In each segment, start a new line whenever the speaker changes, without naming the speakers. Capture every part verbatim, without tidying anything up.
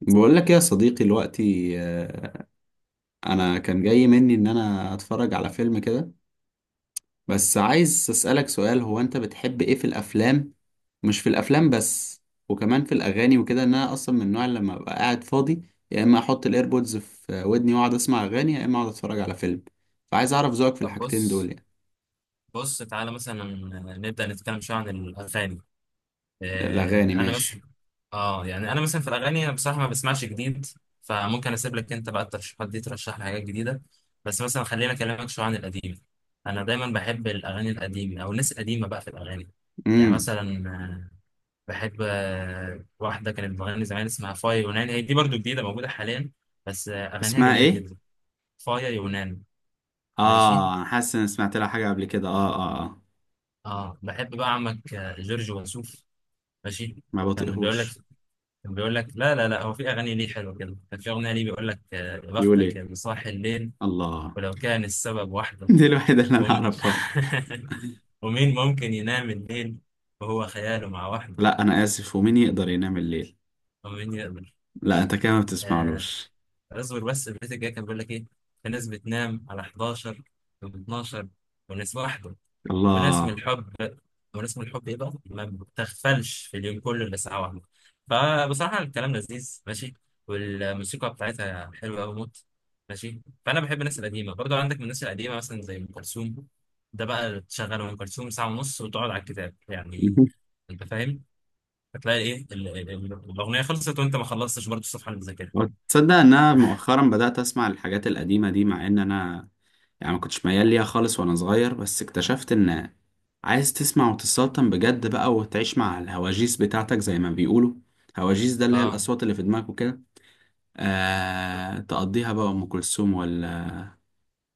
بقول لك يا صديقي دلوقتي، آه، انا كان جاي مني ان انا اتفرج على فيلم كده. بس عايز اسالك سؤال، هو انت بتحب ايه في الافلام؟ مش في الافلام بس، وكمان في الاغاني وكده، ان انا اصلا من النوع اللي لما ابقى قاعد فاضي، يا اما احط الايربودز في ودني واقعد اسمع اغاني، يا اما اقعد اتفرج على فيلم. فعايز اعرف ذوقك في
طب
الحاجتين دول
بص.
يعني.
بص تعالى مثلا نبدأ نتكلم شوية عن الأغاني. آه،
الاغاني
أنا
ماشي.
مثلا، آه يعني أنا مثلا في الأغاني أنا بصراحة ما بسمعش جديد، فممكن أسيب لك أنت بقى الترشيحات دي ترشح لي حاجات جديدة. بس مثلا خلينا أكلمك شوية عن القديم. أنا دايما بحب الأغاني القديمة أو الناس القديمة بقى في الأغاني. يعني
امم.
مثلا، آه، بحب آه، واحدة كانت بتغني زمان اسمها فايا يونان، هي دي برضو جديدة موجودة حاليا، بس آه، أغانيها
اسمها
جميلة
ايه؟
جدا. فايا يونان. ماشي.
اه، انا حاسس ان سمعت لها حاجه قبل كده، اه اه اه.
اه بحب بقى عمك آه، جورج وسوف. ماشي.
ما
كان بيقول لك
بطيقهوش.
كان بيقول لك لا لا لا، هو في اغاني ليه حلوه كده، كان في اغنيه ليه بيقول لك آه، يا
بيقول
بختك
ايه؟
اللي صاحي الليل،
الله.
ولو كان السبب وحده.
دي الوحيدة اللي أنا
ومين
أعرفها.
ومين ممكن ينام الليل وهو خياله مع وحده.
لا، أنا آسف، ومين يقدر ينام الليل؟
ومين يقدر.
لا،
بص.
أنت كده ما
آه،
بتسمعلوش.
اصبر بس. البيت الجاي كان بيقول لك ايه؟ في ناس بتنام على حداشر و12، وناس وحده ونسم
الله.
الحب. ونسم الحب ايه بقى، ما بتغفلش في اليوم كله الا ساعه واحده. فبصراحه الكلام لذيذ، ماشي، والموسيقى بتاعتها حلوه قوي موت. ماشي. فانا بحب الناس القديمه برضو، عندك من الناس القديمه مثلا زي ام كلثوم. ده بقى تشغل ام كلثوم ساعه ونص وتقعد على الكتاب يعني، انت فاهم، هتلاقي ايه ال- ال- ال- الاغنيه خلصت وانت ما خلصتش برضو الصفحه اللي بتذاكرها.
تصدق إن أنا مؤخرا بدأت أسمع الحاجات القديمة دي، مع إن أنا يعني ما كنتش ميال ليها خالص وأنا صغير، بس اكتشفت إن عايز تسمع وتسلطن بجد بقى، وتعيش مع الهواجيس بتاعتك زي ما بيقولوا. هواجيس، ده اللي هي
اه.
الأصوات اللي في دماغك وكده. آه تقضيها بقى أم كلثوم، ولا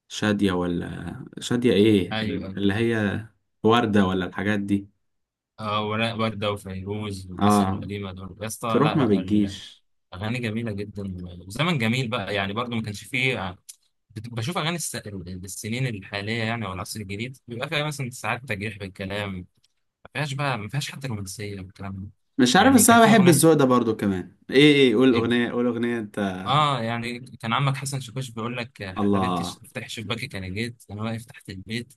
شادية، ولا شادية إيه
ايوه.
اللي هي، وردة ولا الحاجات دي؟
اه، وراء وردة وفيروز والناس
اه،
القديمة دول يا اسطى،
تروح
لا
ما
لا،
بتجيش.
اغاني جميله جدا وزمن جميل بقى. يعني برضو ما كانش فيه، آه، بت- بشوف اغاني الس... السنين الحاليه يعني او العصر الجديد، بيبقى فيها مثلا ساعات تجريح بالكلام، ما فيهاش بقى، ما فيهاش حتى رومانسيه والكلام ده.
مش عارف،
يعني
بس
كان
انا
في
بحب
اغنيه،
الذوق ده برضو كمان. ايه ايه، قول اغنية قول اغنية انت.
اه يعني كان عمك حسن شاكوش بيقول لك آه، حبيبتي، ش-
الله.
افتحي شباكك انا جيت، انا واقف تحت البيت،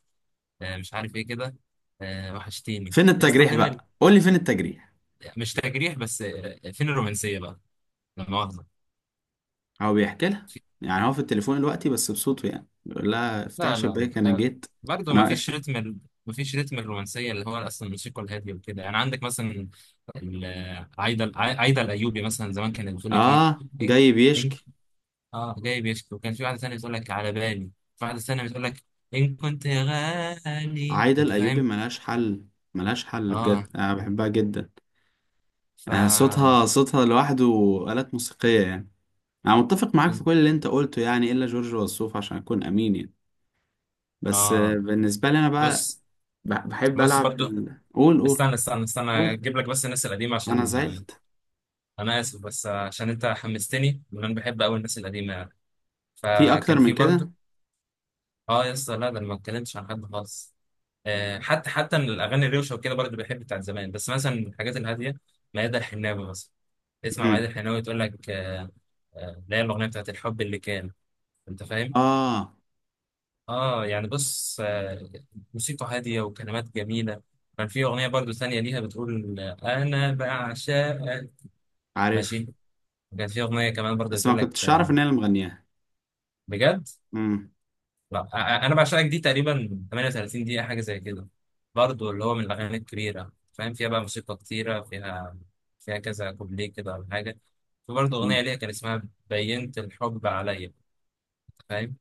آه، مش عارف ايه كده، آه، وحشتيني
فين
يا اسطى.
التجريح
فين ال...
بقى، قول لي فين التجريح؟
مش تجريح بس، آه، فين الرومانسيه بقى؟ لا مؤاخذه.
هو بيحكي لها؟ يعني هو في التليفون دلوقتي بس بصوته يعني بيقول لها افتحي
لا لا لا،
شباك انا
آه،
جيت
برضه
انا
ما
واقف
فيش
تحت.
رتم ال... ما فيش رتم الرومانسيه، اللي هو اصلا الموسيقى الهاديه وكده يعني. عندك مثلا ال- عايده عايده الايوبي مثلا، زمان كانت بتقول لك ايه،
اه،
إن-
جاي
انك،
بيشكي.
اه جاي بيشكي، وكان في واحده ثانيه بتقول لك على بالي، في واحده ثانيه بتقول لك ان كنت غالي.
عايدة
انت
الايوبي
فاهم.
ملهاش حل. ملهاش حل
اه.
بجد، انا بحبها جدا.
ف،
آه، صوتها صوتها لوحده. آلات موسيقية يعني. انا متفق معاك في كل اللي انت قلته يعني، الا جورج وسوف عشان اكون امين يعني. بس آه،
اه
بالنسبة لي أنا بقى
بص.
ب- بحب
بص
ألعب في
برضه
ال... قول قول.
استنى استنى استنى
قول.
اجيب لك بس الناس القديمه،
أنا
عشان آه،
زعلت.
انا اسف بس آه، عشان انت حمستني وانا بحب قوي الناس القديمه.
في أكتر
فكان في
من
برضه،
كده؟
اه يا اسطى، لا، ده انا ما اتكلمتش عن حد خالص. آه، حتى حتى من الاغاني الروشه وكده برضه بحب بتاعت زمان، بس مثلا من الحاجات الهاديه ميادة الحناوي مثلا. تسمع ميادة
امم.
الحناوي تقول لك آه، آه، اللي هي الاغنيه بتاعت الحب اللي كان، انت فاهم.
آه.
اه يعني بص آه، موسيقى هاديه وكلمات جميله. كان في اغنيه برضه ثانيه ليها بتقول آه، انا بعشقك.
عارف.
ماشي. كان في اغنيه كمان برضه
بس ما
بتقول لك
كنتش أعرف
آه.
إن هي اللي مغنياها.
بجد.
امم.
لا، أ- انا بعشقك دي تقريبا تمنية وتلاتين دقيقة حاجة زي كده، برضو اللي هو من الاغاني الكبيرة، فاهم، فيها بقى موسيقى كتيرة، فيها فيها كذا كوبليه كده ولا حاجة. في برضو
أمم.
اغنية ليها كان اسمها بينت الحب عليا، فاهم.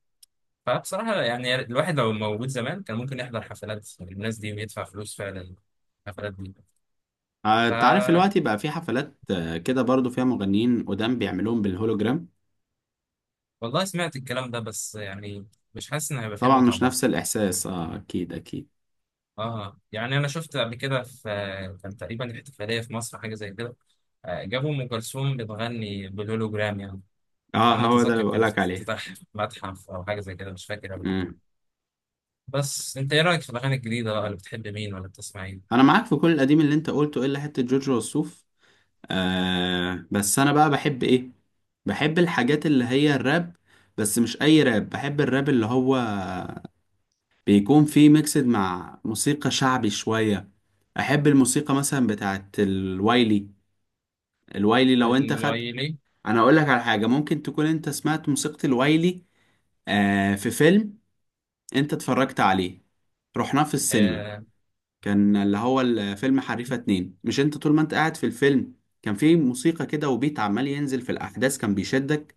فبصراحة يعني الواحد لو موجود زمان كان ممكن يحضر حفلات يعني الناس دي ويدفع فلوس فعلا الحفلات دي.
آه، أنت عارف دلوقتي
ف،
بقى في حفلات آه، كده برضو فيها مغنيين قدام بيعملوهم بالهولوجرام.
والله سمعت الكلام ده بس يعني مش حاسس ان هيبقى فيها
طبعا
متعة
مش نفس
برضه.
الإحساس، آه أكيد أكيد.
اه يعني انا شفت قبل كده، في كان تقريبا احتفاليه في مصر حاجه زي كده، آه، جابوا ام كلثوم بتغني بالهولوجرام يعني.
آه،
انا ما
هو ده
اتذكر،
اللي
كان في
بقولك عليه.
افتتاح متحف او حاجه زي كده، مش فاكر قوي.
امم.
بس انت ايه رايك في الاغاني الجديده بقى، اللي بتحب مين ولا بتسمع ايه؟
أنا معاك في كل القديم اللي أنت قلته، إلا حتة جورج وسوف. آه بس انا بقى بحب ايه؟ بحب الحاجات اللي هي الراب. بس مش اي راب، بحب الراب اللي هو بيكون فيه ميكسد مع موسيقى شعبي شوية. احب الموسيقى مثلا بتاعت الوايلي. الوايلي لو انت خدت،
الوايلي؟
انا اقول لك على حاجة ممكن تكون انت سمعت موسيقى الوايلي. آه، في فيلم انت اتفرجت عليه، رحناه في السينما،
آه.
كان اللي هو الفيلم حريفة اتنين. مش انت طول ما انت قاعد في الفيلم كان في موسيقى كده وبيت عمال ينزل في الأحداث كان بيشدك.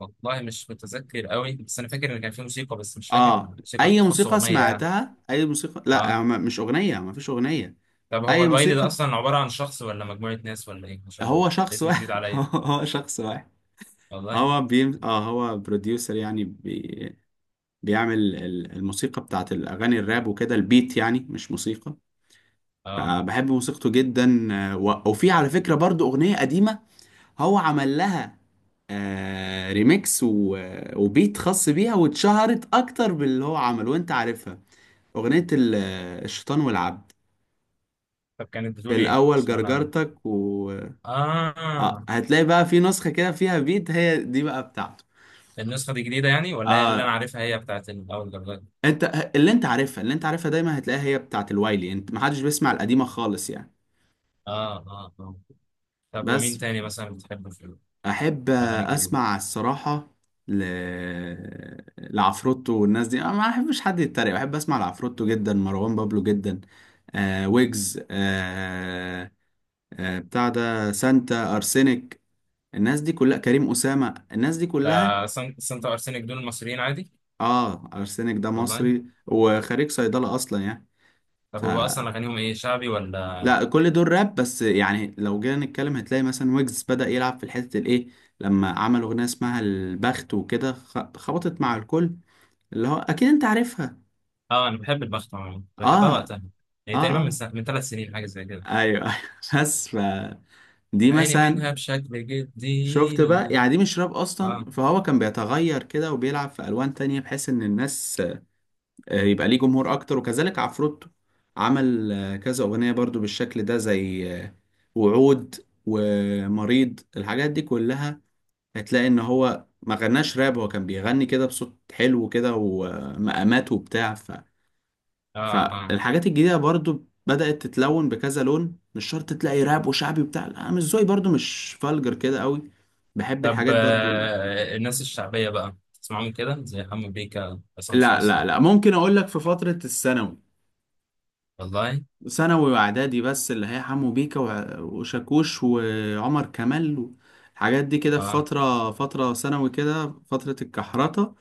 والله مش متذكر قوي، بس انا فاكر ان كان في موسيقى، بس مش فاكر
اه،
الموسيقى
أي
تخص
موسيقى
اغنيه يعني.
سمعتها، أي موسيقى،
اه.
لا، ما- مش أغنية، ما فيش أغنية.
طب هو
أي
الوايلي ده
موسيقى.
اصلا عباره عن شخص ولا مجموعه ناس ولا ايه؟ مش عارف،
هو شخص
اسم جديد
واحد.
عليا
هو شخص واحد.
والله.
هو بيم... اه، هو بروديوسر يعني، بي... بيعمل ال- الموسيقى بتاعت الأغاني الراب وكده، البيت يعني مش موسيقى.
اه.
فبحب موسيقته جدا، آه، و... وفي على فكرة برضو أغنية قديمة هو عمل لها آه ريميكس و... وبيت خاص بيها، واتشهرت اكتر باللي هو عمله وانت عارفها. اغنية ال- الشيطان والعبد.
طب كانت
في
بتقول ايه؟
الاول
عشان انا.
جرجرتك و اه،
اه.
هتلاقي بقى في نسخة كده فيها بيت، هي دي بقى بتاعته.
النسخة دي جديدة يعني ولا هي اللي انا
اه،
عارفها، هي بتاعت الاول درجات؟
انت اللي انت عارفها، اللي انت عارفها دايما هتلاقيها هي بتاعت الوايلي، انت محدش بيسمع القديمة خالص يعني.
اه اه اه. طب ومين
بس
تاني مثلا بتحبه في
احب
الاغاني الجديدة؟
اسمع الصراحه، ل... لعفروتو والناس دي. انا ما احبش حد يتريق، بحب اسمع لعفروتو جدا، مروان بابلو جدا، آه ويجز، آه آه بتاع ده، سانتا ارسينيك. الناس دي كلها، كريم اسامه، الناس دي كلها.
ده سان- سانتا وارسينك دول المصريين عادي؟
اه، ارسينيك ده
والله.
مصري وخريج صيدله اصلا يعني.
طب
ف
هو اصلا اغانيهم ايه، شعبي ولا؟
لا، كل دول راب، بس يعني لو جينا نتكلم هتلاقي مثلا ويجز بدأ يلعب في الحتة الايه لما عمل اغنية اسمها البخت وكده خ- خبطت مع الكل، اللي هو اكيد انت عارفها.
اه انا بحب البخت عموما، كنت بحبها
اه
وقتها. هي
اه
تقريبا من
اه.
سنة... من ثلاث سنين حاجة زي كده.
ايوه ايوه. بس ف دي
عيني
مثلا،
منها بشكل جدي.
شفت بقى يعني دي مش راب
اه
اصلا، فهو كان بيتغير كده وبيلعب في الوان تانية بحيث ان الناس آه، يبقى ليه جمهور اكتر، وكذلك عفروتو عمل آه، كذا اغنية برضو بالشكل ده زي آه، وعود ومريض، الحاجات دي كلها. هتلاقي ان هو ما غناش راب، هو كان بيغني كده بصوت حلو كده، ومقامات وبتاع.
اه اه.
فالحاجات الجديدة برضو بدأت تتلون بكذا لون، مش شرط تلاقي راب وشعبي وبتاع، لا، انا مش ذوقي برضو مش فالجر كده قوي. بحب
طب
الحاجات برضو ال...
آه، الناس الشعبية بقى تسمعهم كده زي حمو بيكا، عصام
لا لا
صاصة؟
لا، ممكن اقول لك في فترة الثانوي،
والله.
ثانوي واعدادي، بس اللي هي حمو بيكا وع- وشاكوش وعمر كمال. الحاجات دي كده في
اه
فترة فترة ثانوي كده، فترة الكحرطة،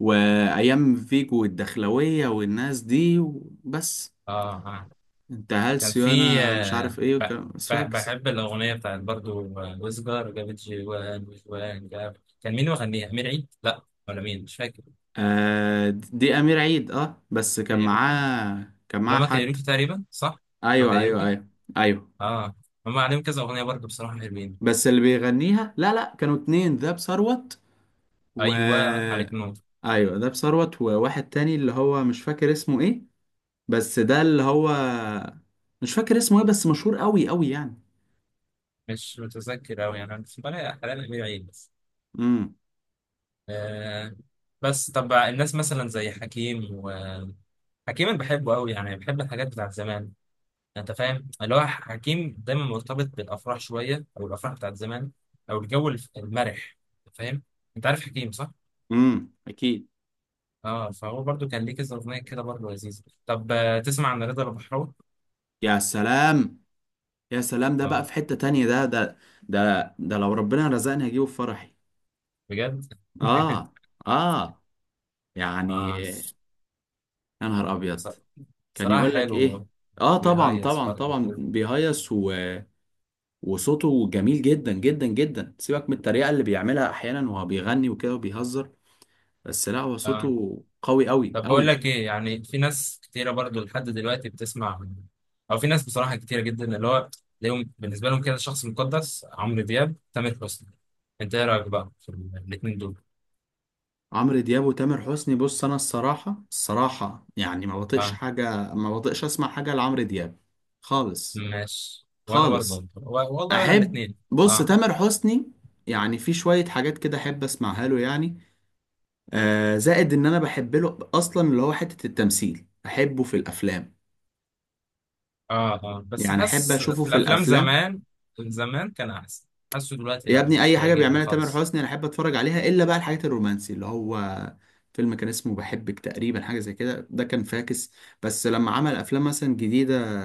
وأيام فيجو والدخلوية والناس دي، بس
اه اه.
انت
كان
هلسي
في
وأنا مش
آه،
عارف ايه
ب-
وكلام-
ب-
سواكس.
بحب الأغنية بتاعت برضو آه، وسجار جابت جوان وجوان جاب. كان مين مغنيها؟ أمير عيد؟ لا، ولا مين، مش فاكر.
آه، دي امير عيد. اه، بس كان
كايروكي.
معاه كان معاه
اللي هما
حد.
كايروكي تقريبا، صح؟ هو
ايوه ايوه
كايروكي؟
ايوه. ايوه.
اه. هما عليهم كذا أغنية برضو، بصراحة حلوين.
بس اللي بيغنيها، لا لا، كانوا اتنين ذاب ثروت و
أيوه، عليك نور.
ايوه، ذاب ثروت وواحد تاني اللي هو مش فاكر اسمه ايه، بس ده اللي هو مش فاكر اسمه ايه، بس مشهور قوي قوي يعني.
مش متذكر أوي يعني، أنا بس بلاقي أحيانا أمير عيد بس.
امم.
آه. بس طب الناس مثلا زي حكيم، و حكيم أنا بحبه أوي يعني، بحب الحاجات بتاعت زمان، انت فاهم. اللي هو حكيم دايما مرتبط بالافراح شويه، او الافراح بتاعت زمان، او الجو الف- المرح، أنت فاهم. انت عارف حكيم، صح؟
امم اكيد.
اه. فهو برضو كان ليه كذا اغنيه كده برضو لذيذه. طب آه، تسمع عن رضا البحراوي؟
يا سلام. يا سلام، ده بقى
اه،
في حتة تانية، ده ده، ده ده لو ربنا رزقني هجيبه في فرحي.
بجد.
اه. اه يعني.
اه.
يا نهار
ص-
ابيض. كان
صراحه
يقول لك ايه؟
حلو.
اه، طبعا
بيهيص
طبعا
برضو
طبعا
كده.
بيهيص و... وصوته جميل جدا جدا جدا، سيبك من الطريقه اللي بيعملها احيانا وهو بيغني وكده وبيهزر، بس لا، هو
اه.
صوته قوي قوي
طب بقول
قوي.
لك ايه، يعني في ناس كتيره برضو لحد دلوقتي بتسمع، او في ناس بصراحه كتيره جدا اللي هو ليهم بالنسبه لهم كده شخص مقدس، عمرو دياب، تامر حسني. انت ايه رايك بقى في الاثنين دول؟
عمرو دياب وتامر حسني؟ بص، انا الصراحه الصراحه يعني ما بطيقش
اه،
حاجه، ما بطيقش اسمع حاجه لعمرو دياب خالص.
ماشي. وانا برضو،
خالص.
و- والله ولا
احب،
الاثنين.
بص
اه
تامر حسني، يعني في شويه حاجات كده احب اسمعها له يعني، آه زائد ان انا بحب له اصلا اللي هو حتة التمثيل، احبه في الافلام.
اه اه. بس
يعني احب
حاسس
اشوفه
في
في
الافلام
الافلام.
زمان، زمان كان احسن. حاسه دلوقتي
يا
لا،
ابني،
مش
اي حاجة
بيعجبني
بيعملها تامر
خالص.
حسني انا احب اتفرج عليها، الا بقى الحاجات الرومانسي اللي هو فيلم كان اسمه بحبك تقريبا، حاجة زي كده، ده كان فاكس. بس لما عمل افلام مثلا جديدة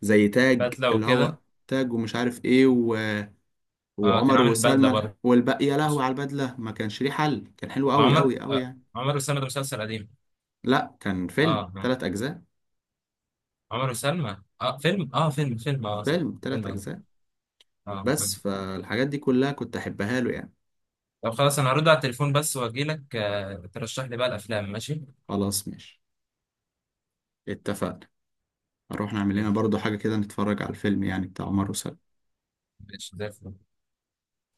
زي تاج،
بدله
اللي هو
وكده.
تاج ومش عارف ايه و...
اه، كان
وعمر
عامل بدله
وسلمى
برضو
والباقي، يا لهوي على البدلة، ما كانش ليه حل، كان حلو
مع
قوي
عمر.
قوي قوي
آه،
يعني.
عمر وسلمى ده مسلسل قديم.
لا، كان
اه
فيلم
آه.
ثلاث اجزاء.
عمر وسلمى، اه فيلم، اه فيلم فيلم اه صح،
فيلم
فيلم.
ثلاث
اه،
اجزاء
آه،
بس
فيلم.
فالحاجات دي كلها كنت احبها له يعني.
طب خلاص، انا هرد على التليفون بس واجي لك، آه ترشح لي بقى الافلام، ماشي.
خلاص ماشي، اتفقنا. هنروح نعمل لنا برضو حاجة كده، نتفرج على الفيلم يعني بتاع عمر وسلمى.
ماشي زي الفل.